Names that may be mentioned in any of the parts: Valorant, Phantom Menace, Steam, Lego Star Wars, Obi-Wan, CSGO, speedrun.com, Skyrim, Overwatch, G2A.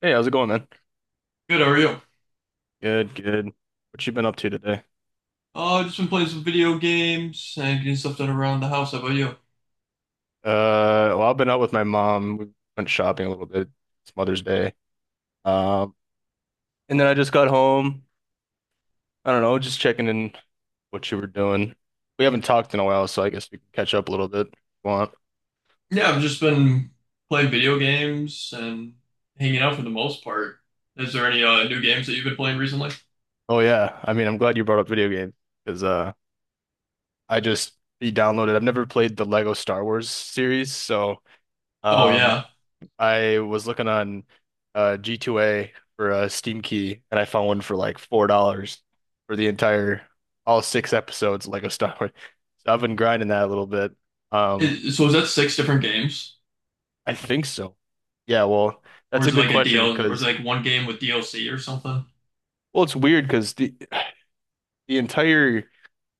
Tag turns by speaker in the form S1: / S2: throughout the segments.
S1: Hey, how's it going, man?
S2: Good, how are you?
S1: Good, good. What you been up to today?
S2: Just been playing some video games and getting stuff done around the house. How about you?
S1: Well, I've been out with my mom. We went shopping a little bit. It's Mother's Day. Um, and then I just got home. I don't know, just checking in what you were doing. We haven't talked in a while, so I guess we can catch up a little bit if you want.
S2: Yeah, I've just been playing video games and hanging out for the most part. Is there any new games that you've been playing recently?
S1: Oh yeah, I mean, I'm glad you brought up video games because I just re-downloaded. I've never played the Lego Star Wars series, so
S2: Oh
S1: um,
S2: yeah.
S1: I was looking on G2A for a Steam key, and I found one for like $4 for the entire all six episodes of Lego Star Wars. So I've been grinding that a little bit. Um,
S2: So is that six different games,
S1: I think so. Yeah, well,
S2: or
S1: that's a
S2: is it
S1: good
S2: like a
S1: question
S2: DL, or is it
S1: because
S2: like one game with DLC or something?
S1: well, it's weird because the entire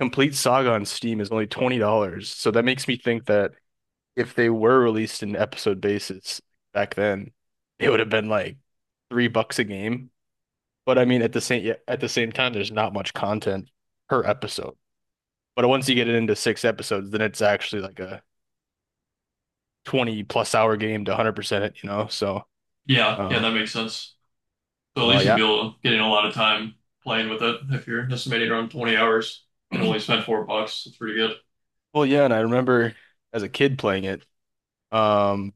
S1: complete saga on Steam is only $20. So that makes me think that if they were released in episode basis back then, it would have been like 3 bucks a game. But I mean, at the same time, there's not much content per episode. But once you get it into six episodes, then it's actually like a 20 plus hour game to 100% it, you know? So,
S2: Yeah, yeah,
S1: uh,
S2: that makes sense. So at
S1: oh,
S2: least you'll be
S1: yeah.
S2: able to a lot of time playing with it if you're estimating around 20 hours and only spent $4. It's pretty good.
S1: Well, yeah. And I remember as a kid playing it. Um,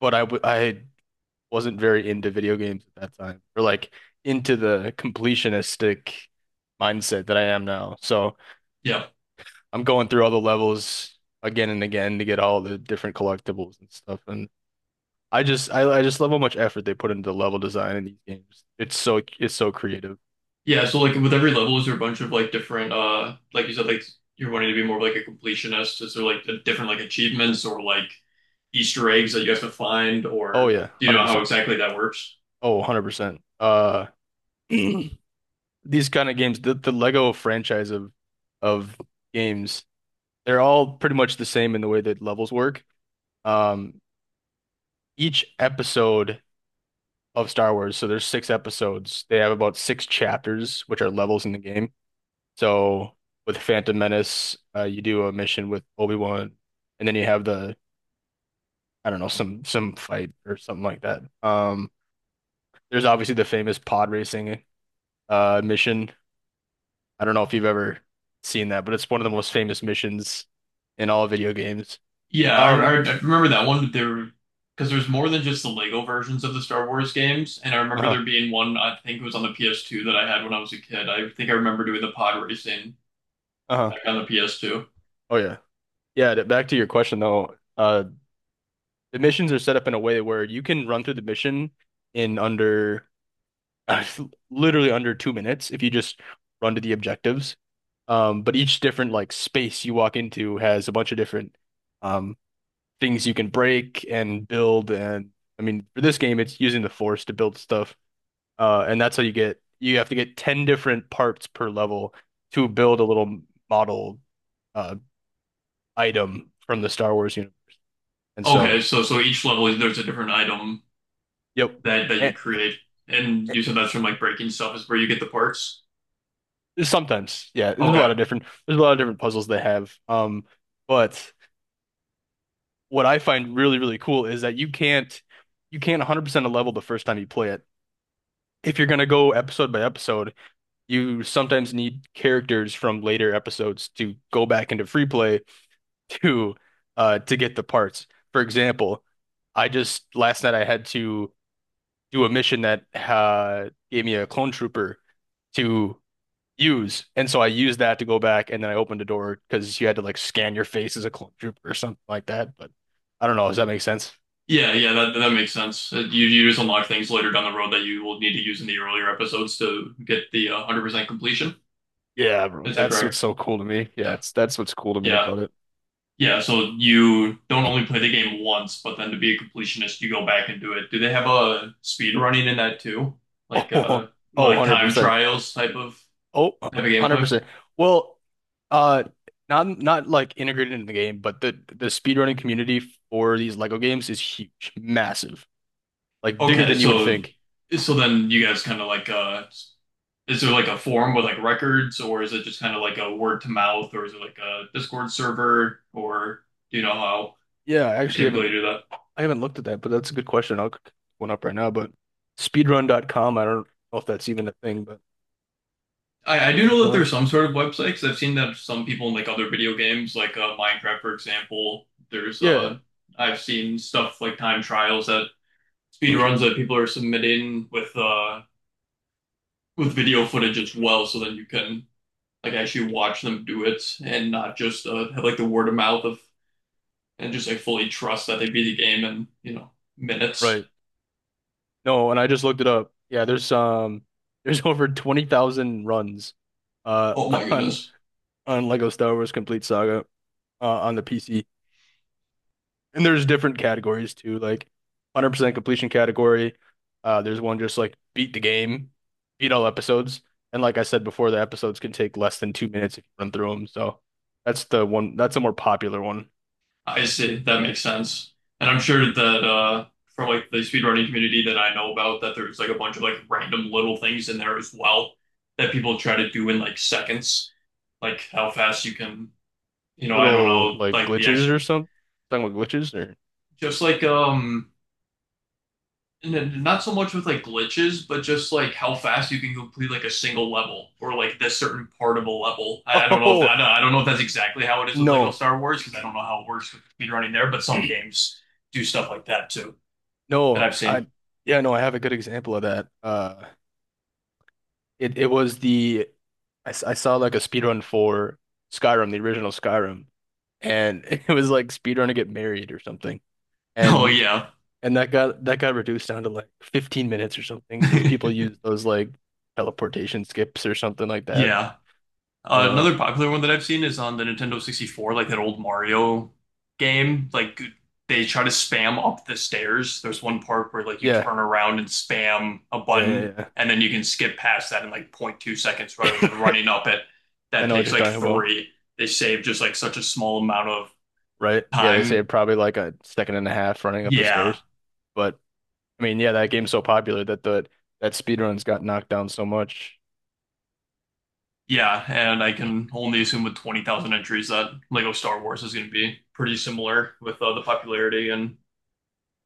S1: but I wasn't very into video games at that time or like into the completionistic mindset that I am now. So
S2: Yeah.
S1: I'm going through all the levels again and again to get all the different collectibles and stuff. And I just love how much effort they put into level design in these games. It's so creative.
S2: Yeah, so like with every level, is there a bunch of like different like you said, like you're wanting to be more of like a completionist. Is there like the different like achievements or like Easter eggs that you have to find,
S1: Oh
S2: or
S1: yeah,
S2: do you know how
S1: 100%.
S2: exactly that works?
S1: Oh, 100%. These kind of games, the Lego franchise of games, they're all pretty much the same in the way that levels work. Um each episode of Star Wars, so there's six episodes. They have about six chapters, which are levels in the game. So with Phantom Menace, you do a mission with Obi-Wan, and then you have the I don't know, some fight or something like that. There's obviously the famous pod racing mission. I don't know if you've ever seen that, but it's one of the most famous missions in all video games.
S2: Yeah, I, I,
S1: Um,
S2: I remember that one. There because there's more than just the Lego versions of the Star Wars games, and I remember there
S1: uh-huh,
S2: being one, I think it was on the PS2 that I had when I was a kid. I think I remember doing the pod racing
S1: uh-huh.
S2: back on the PS2.
S1: Oh yeah. Yeah, back to your question though. The missions are set up in a way where you can run through the mission in under literally under 2 minutes if you just run to the objectives. But each different like space you walk into has a bunch of different um things you can break and build. And I mean, for this game, it's using the force to build stuff. And that's how you get, you have to get 10 different parts per level to build a little model uh, item from the Star Wars universe. And
S2: Okay,
S1: so,
S2: so so each level is there's a different item
S1: yep.
S2: that that you
S1: And
S2: create. And you said that's from like breaking stuff is where you get the parts.
S1: sometimes, yeah, there's a
S2: Okay.
S1: lot of different, there's a lot of different puzzles they have. But what I find really, really cool is that you can't 100% a level the first time you play it. If you're going to go episode by episode, you sometimes need characters from later episodes to go back into free play to to get the parts. For example, I just last night I had to do a mission that gave me a clone trooper to use. And so I used that to go back and then I opened a door because you had to like scan your face as a clone trooper or something like that. But I don't know, does that make sense?
S2: Yeah, yeah, that that makes sense. You you just unlock things later down the road that you will need to use in the earlier episodes to get the 100% completion.
S1: Yeah, bro.
S2: Is that
S1: That's what's
S2: correct?
S1: so cool to me. Yeah,
S2: Yeah.
S1: it's that's what's cool to me
S2: Yeah.
S1: about it.
S2: Yeah, so you don't only play the game once, but then to be a completionist, you go back and do it. Do they have a speed running in that too? Like
S1: Oh, oh,
S2: like time
S1: 100%.
S2: trials
S1: Oh,
S2: type of gameplay?
S1: 100%. Well, uh not like integrated into the game, but the speedrunning community for these Lego games is huge, massive. Like bigger
S2: Okay,
S1: than you would
S2: so
S1: think.
S2: so then you guys kind of like is there like a forum with like records, or is it just kind of like a word to mouth, or is it like a Discord server, or do you know how
S1: Yeah,
S2: you typically do that?
S1: I haven't looked at that, but that's a good question. I'll look one up right now, but speedrun.com. I don't know if that's even a thing, but
S2: I do know that
S1: speedrun.
S2: there's some sort of website because I've seen that some people in like other video games, like Minecraft, for example. There's
S1: Yeah,
S2: I've seen stuff like time trials that speed runs that people are submitting with video footage as well, so then you can like actually watch them do it and not just have like the word of mouth of and just like fully trust that they beat the game in, you know,
S1: right.
S2: minutes.
S1: No, and I just looked it up. Yeah, there's there's over 20,000 runs uh
S2: Oh my
S1: on
S2: goodness.
S1: on Lego Star Wars Complete Saga, on the PC. And there's different categories too, like 100% completion category. There's one just like beat the game, beat all episodes. And like I said before, the episodes can take less than 2 minutes if you run through them. So that's the one, that's a more popular one.
S2: I see. That makes sense. And I'm sure that from like the speedrunning community that I know about that there's like a bunch of like random little things in there as well that people try to do in like seconds. Like how fast you can, you know, I don't
S1: Little
S2: know,
S1: like
S2: like the
S1: glitches or
S2: actual
S1: something. Talking about glitches or
S2: just like and not so much with like glitches, but just like how fast you can complete like a single level or like this certain part of a level. I don't know if that,
S1: oh,
S2: I don't know if that's exactly how it is with Lego
S1: no,
S2: Star Wars because I don't know how it works with speed running there, but some games do stuff like that too that
S1: no,
S2: I've seen.
S1: I yeah, no, I have a good example of that. It it was the I, s- I saw like a speedrun for Skyrim, the original Skyrim, and it was like speedrun to get married or something.
S2: Oh
S1: And
S2: yeah,
S1: and that got reduced down to like 15 minutes or something because people use those like teleportation skips or something like that.
S2: yeah.
S1: Um
S2: Another popular one that I've seen is on the Nintendo 64, like that old Mario game. Like they try to spam up the stairs. There's one part where like you
S1: yeah.
S2: turn around and spam a
S1: Yeah,
S2: button,
S1: yeah,
S2: and then you can skip past that in like point 2 seconds rather than
S1: yeah.
S2: running up it.
S1: I
S2: That
S1: know what
S2: takes
S1: you're
S2: like
S1: talking about,
S2: three. They save just like such a small amount of
S1: right? Yeah, they say
S2: time.
S1: probably like a second and a half running up the
S2: Yeah,
S1: stairs. But I mean, yeah, that game's so popular that the that speedruns got knocked down so much.
S2: yeah, and I can only assume with 20,000 entries that Lego Star Wars is going to be pretty similar with the popularity and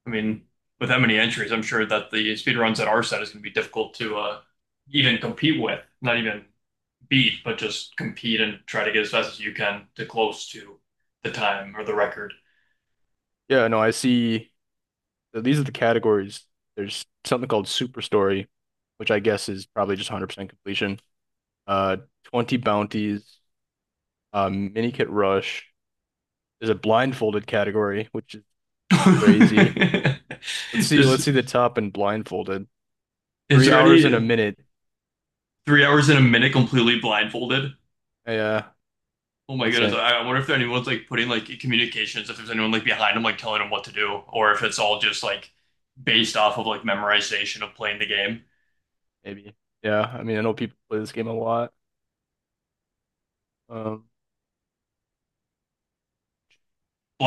S2: I mean, with that many entries, I'm sure that the speed runs at our set is going to be difficult to even compete with, not even beat, but just compete and try to get as fast as you can to close to the time or the record.
S1: Yeah, no, I see. So these are the categories. There's something called Super Story, which I guess is probably just 100% completion. Uh, 20 bounties, mini kit rush. There's a blindfolded category, which is crazy. Let's see.
S2: Just,
S1: Let's see the top and blindfolded.
S2: is
S1: Three
S2: there
S1: hours and a
S2: any
S1: minute.
S2: 3 hours in a minute completely blindfolded?
S1: Yeah,
S2: Oh my goodness,
S1: insane.
S2: I wonder if there anyone's like putting like communications, if there's anyone like behind them like telling them what to do, or if it's all just like based off of like memorization of playing the game.
S1: Maybe. Yeah. I mean, I know people play this game a lot. Um,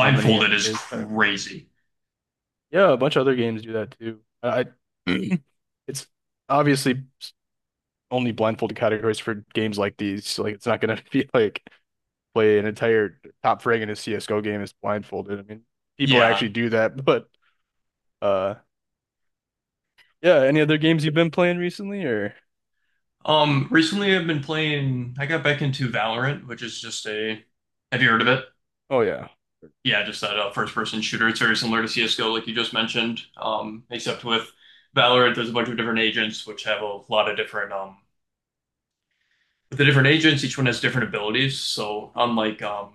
S1: how many
S2: is
S1: other categories?
S2: crazy.
S1: Yeah, a bunch of other games do that too. I It's obviously only blindfolded categories for games like these. So, like it's not gonna be like play an entire top frag in a CSGO game is blindfolded. I mean, people
S2: Yeah.
S1: actually do that, but uh yeah, any other games you've been playing recently, or
S2: Recently I've been playing, I got back into Valorant, which is just a, have you heard of it?
S1: oh yeah,
S2: Yeah, just that first person shooter. It's very similar to CSGO, like you just mentioned. Except with Valorant, there's a bunch of different agents which have a lot of different, with the different agents, each one has different abilities. So unlike,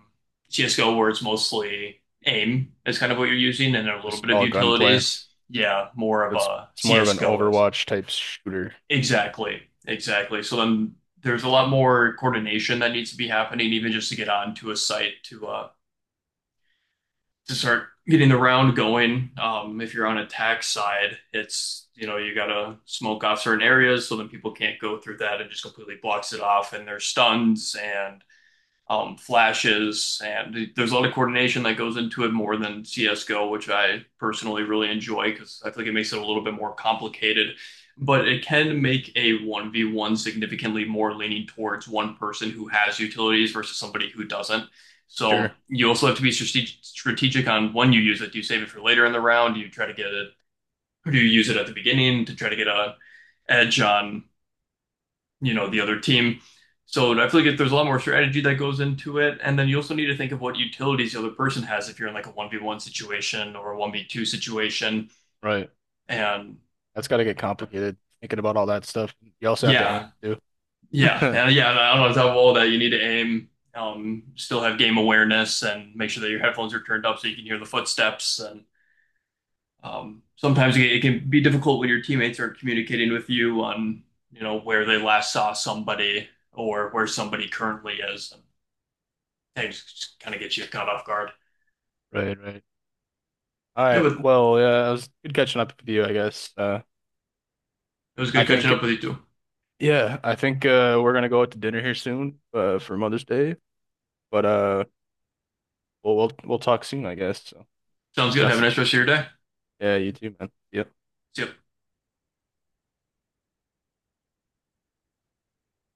S2: CSGO where it's mostly aim is kind of what you're using and a little
S1: just
S2: bit of
S1: all gunplay.
S2: utilities, yeah, more of
S1: It's
S2: a
S1: it's more of an
S2: CSGO is.
S1: Overwatch type shooter.
S2: Exactly. Exactly. So then there's a lot more coordination that needs to be happening, even just to get onto a site to start getting the round going. If you're on a tax side, it's you know you gotta smoke off certain areas so then people can't go through that, and just completely blocks it off, and they're stuns and flashes, and there's a lot of coordination that goes into it more than CS:GO, which I personally really enjoy because I feel like it makes it a little bit more complicated. But it can make a 1v1 significantly more leaning towards one person who has utilities versus somebody who doesn't. So
S1: Sure.
S2: you also have to be strategic on when you use it. Do you save it for later in the round? Do you try to get it, or do you use it at the beginning to try to get a edge on, you know, the other team. So I feel like there's a lot more strategy that goes into it. And then you also need to think of what utilities the other person has if you're in like a 1v1 situation or a 1v2 situation.
S1: Right.
S2: And
S1: That's gotta get complicated thinking about all that stuff. You also have to
S2: yeah,
S1: aim too.
S2: yeah. And yeah, and I don't know, on top of all that, you need to aim, still have game awareness and make sure that your headphones are turned up so you can hear the footsteps. And sometimes it can be difficult when your teammates aren't communicating with you on, you know, where they last saw somebody or where somebody currently is. I just kind of get you caught off guard.
S1: Right, right. All
S2: Yeah,
S1: right.
S2: but it
S1: Well, yeah, it was good catching up with you, I guess.
S2: was
S1: I
S2: good catching up
S1: think
S2: with you too.
S1: Yeah, I think we're gonna go out to dinner here soon, for Mother's Day. But we'll talk soon, I guess.
S2: Sounds good. Have a
S1: Yes.
S2: nice rest of your day.
S1: Yeah, you too, man. Yep.
S2: See ya.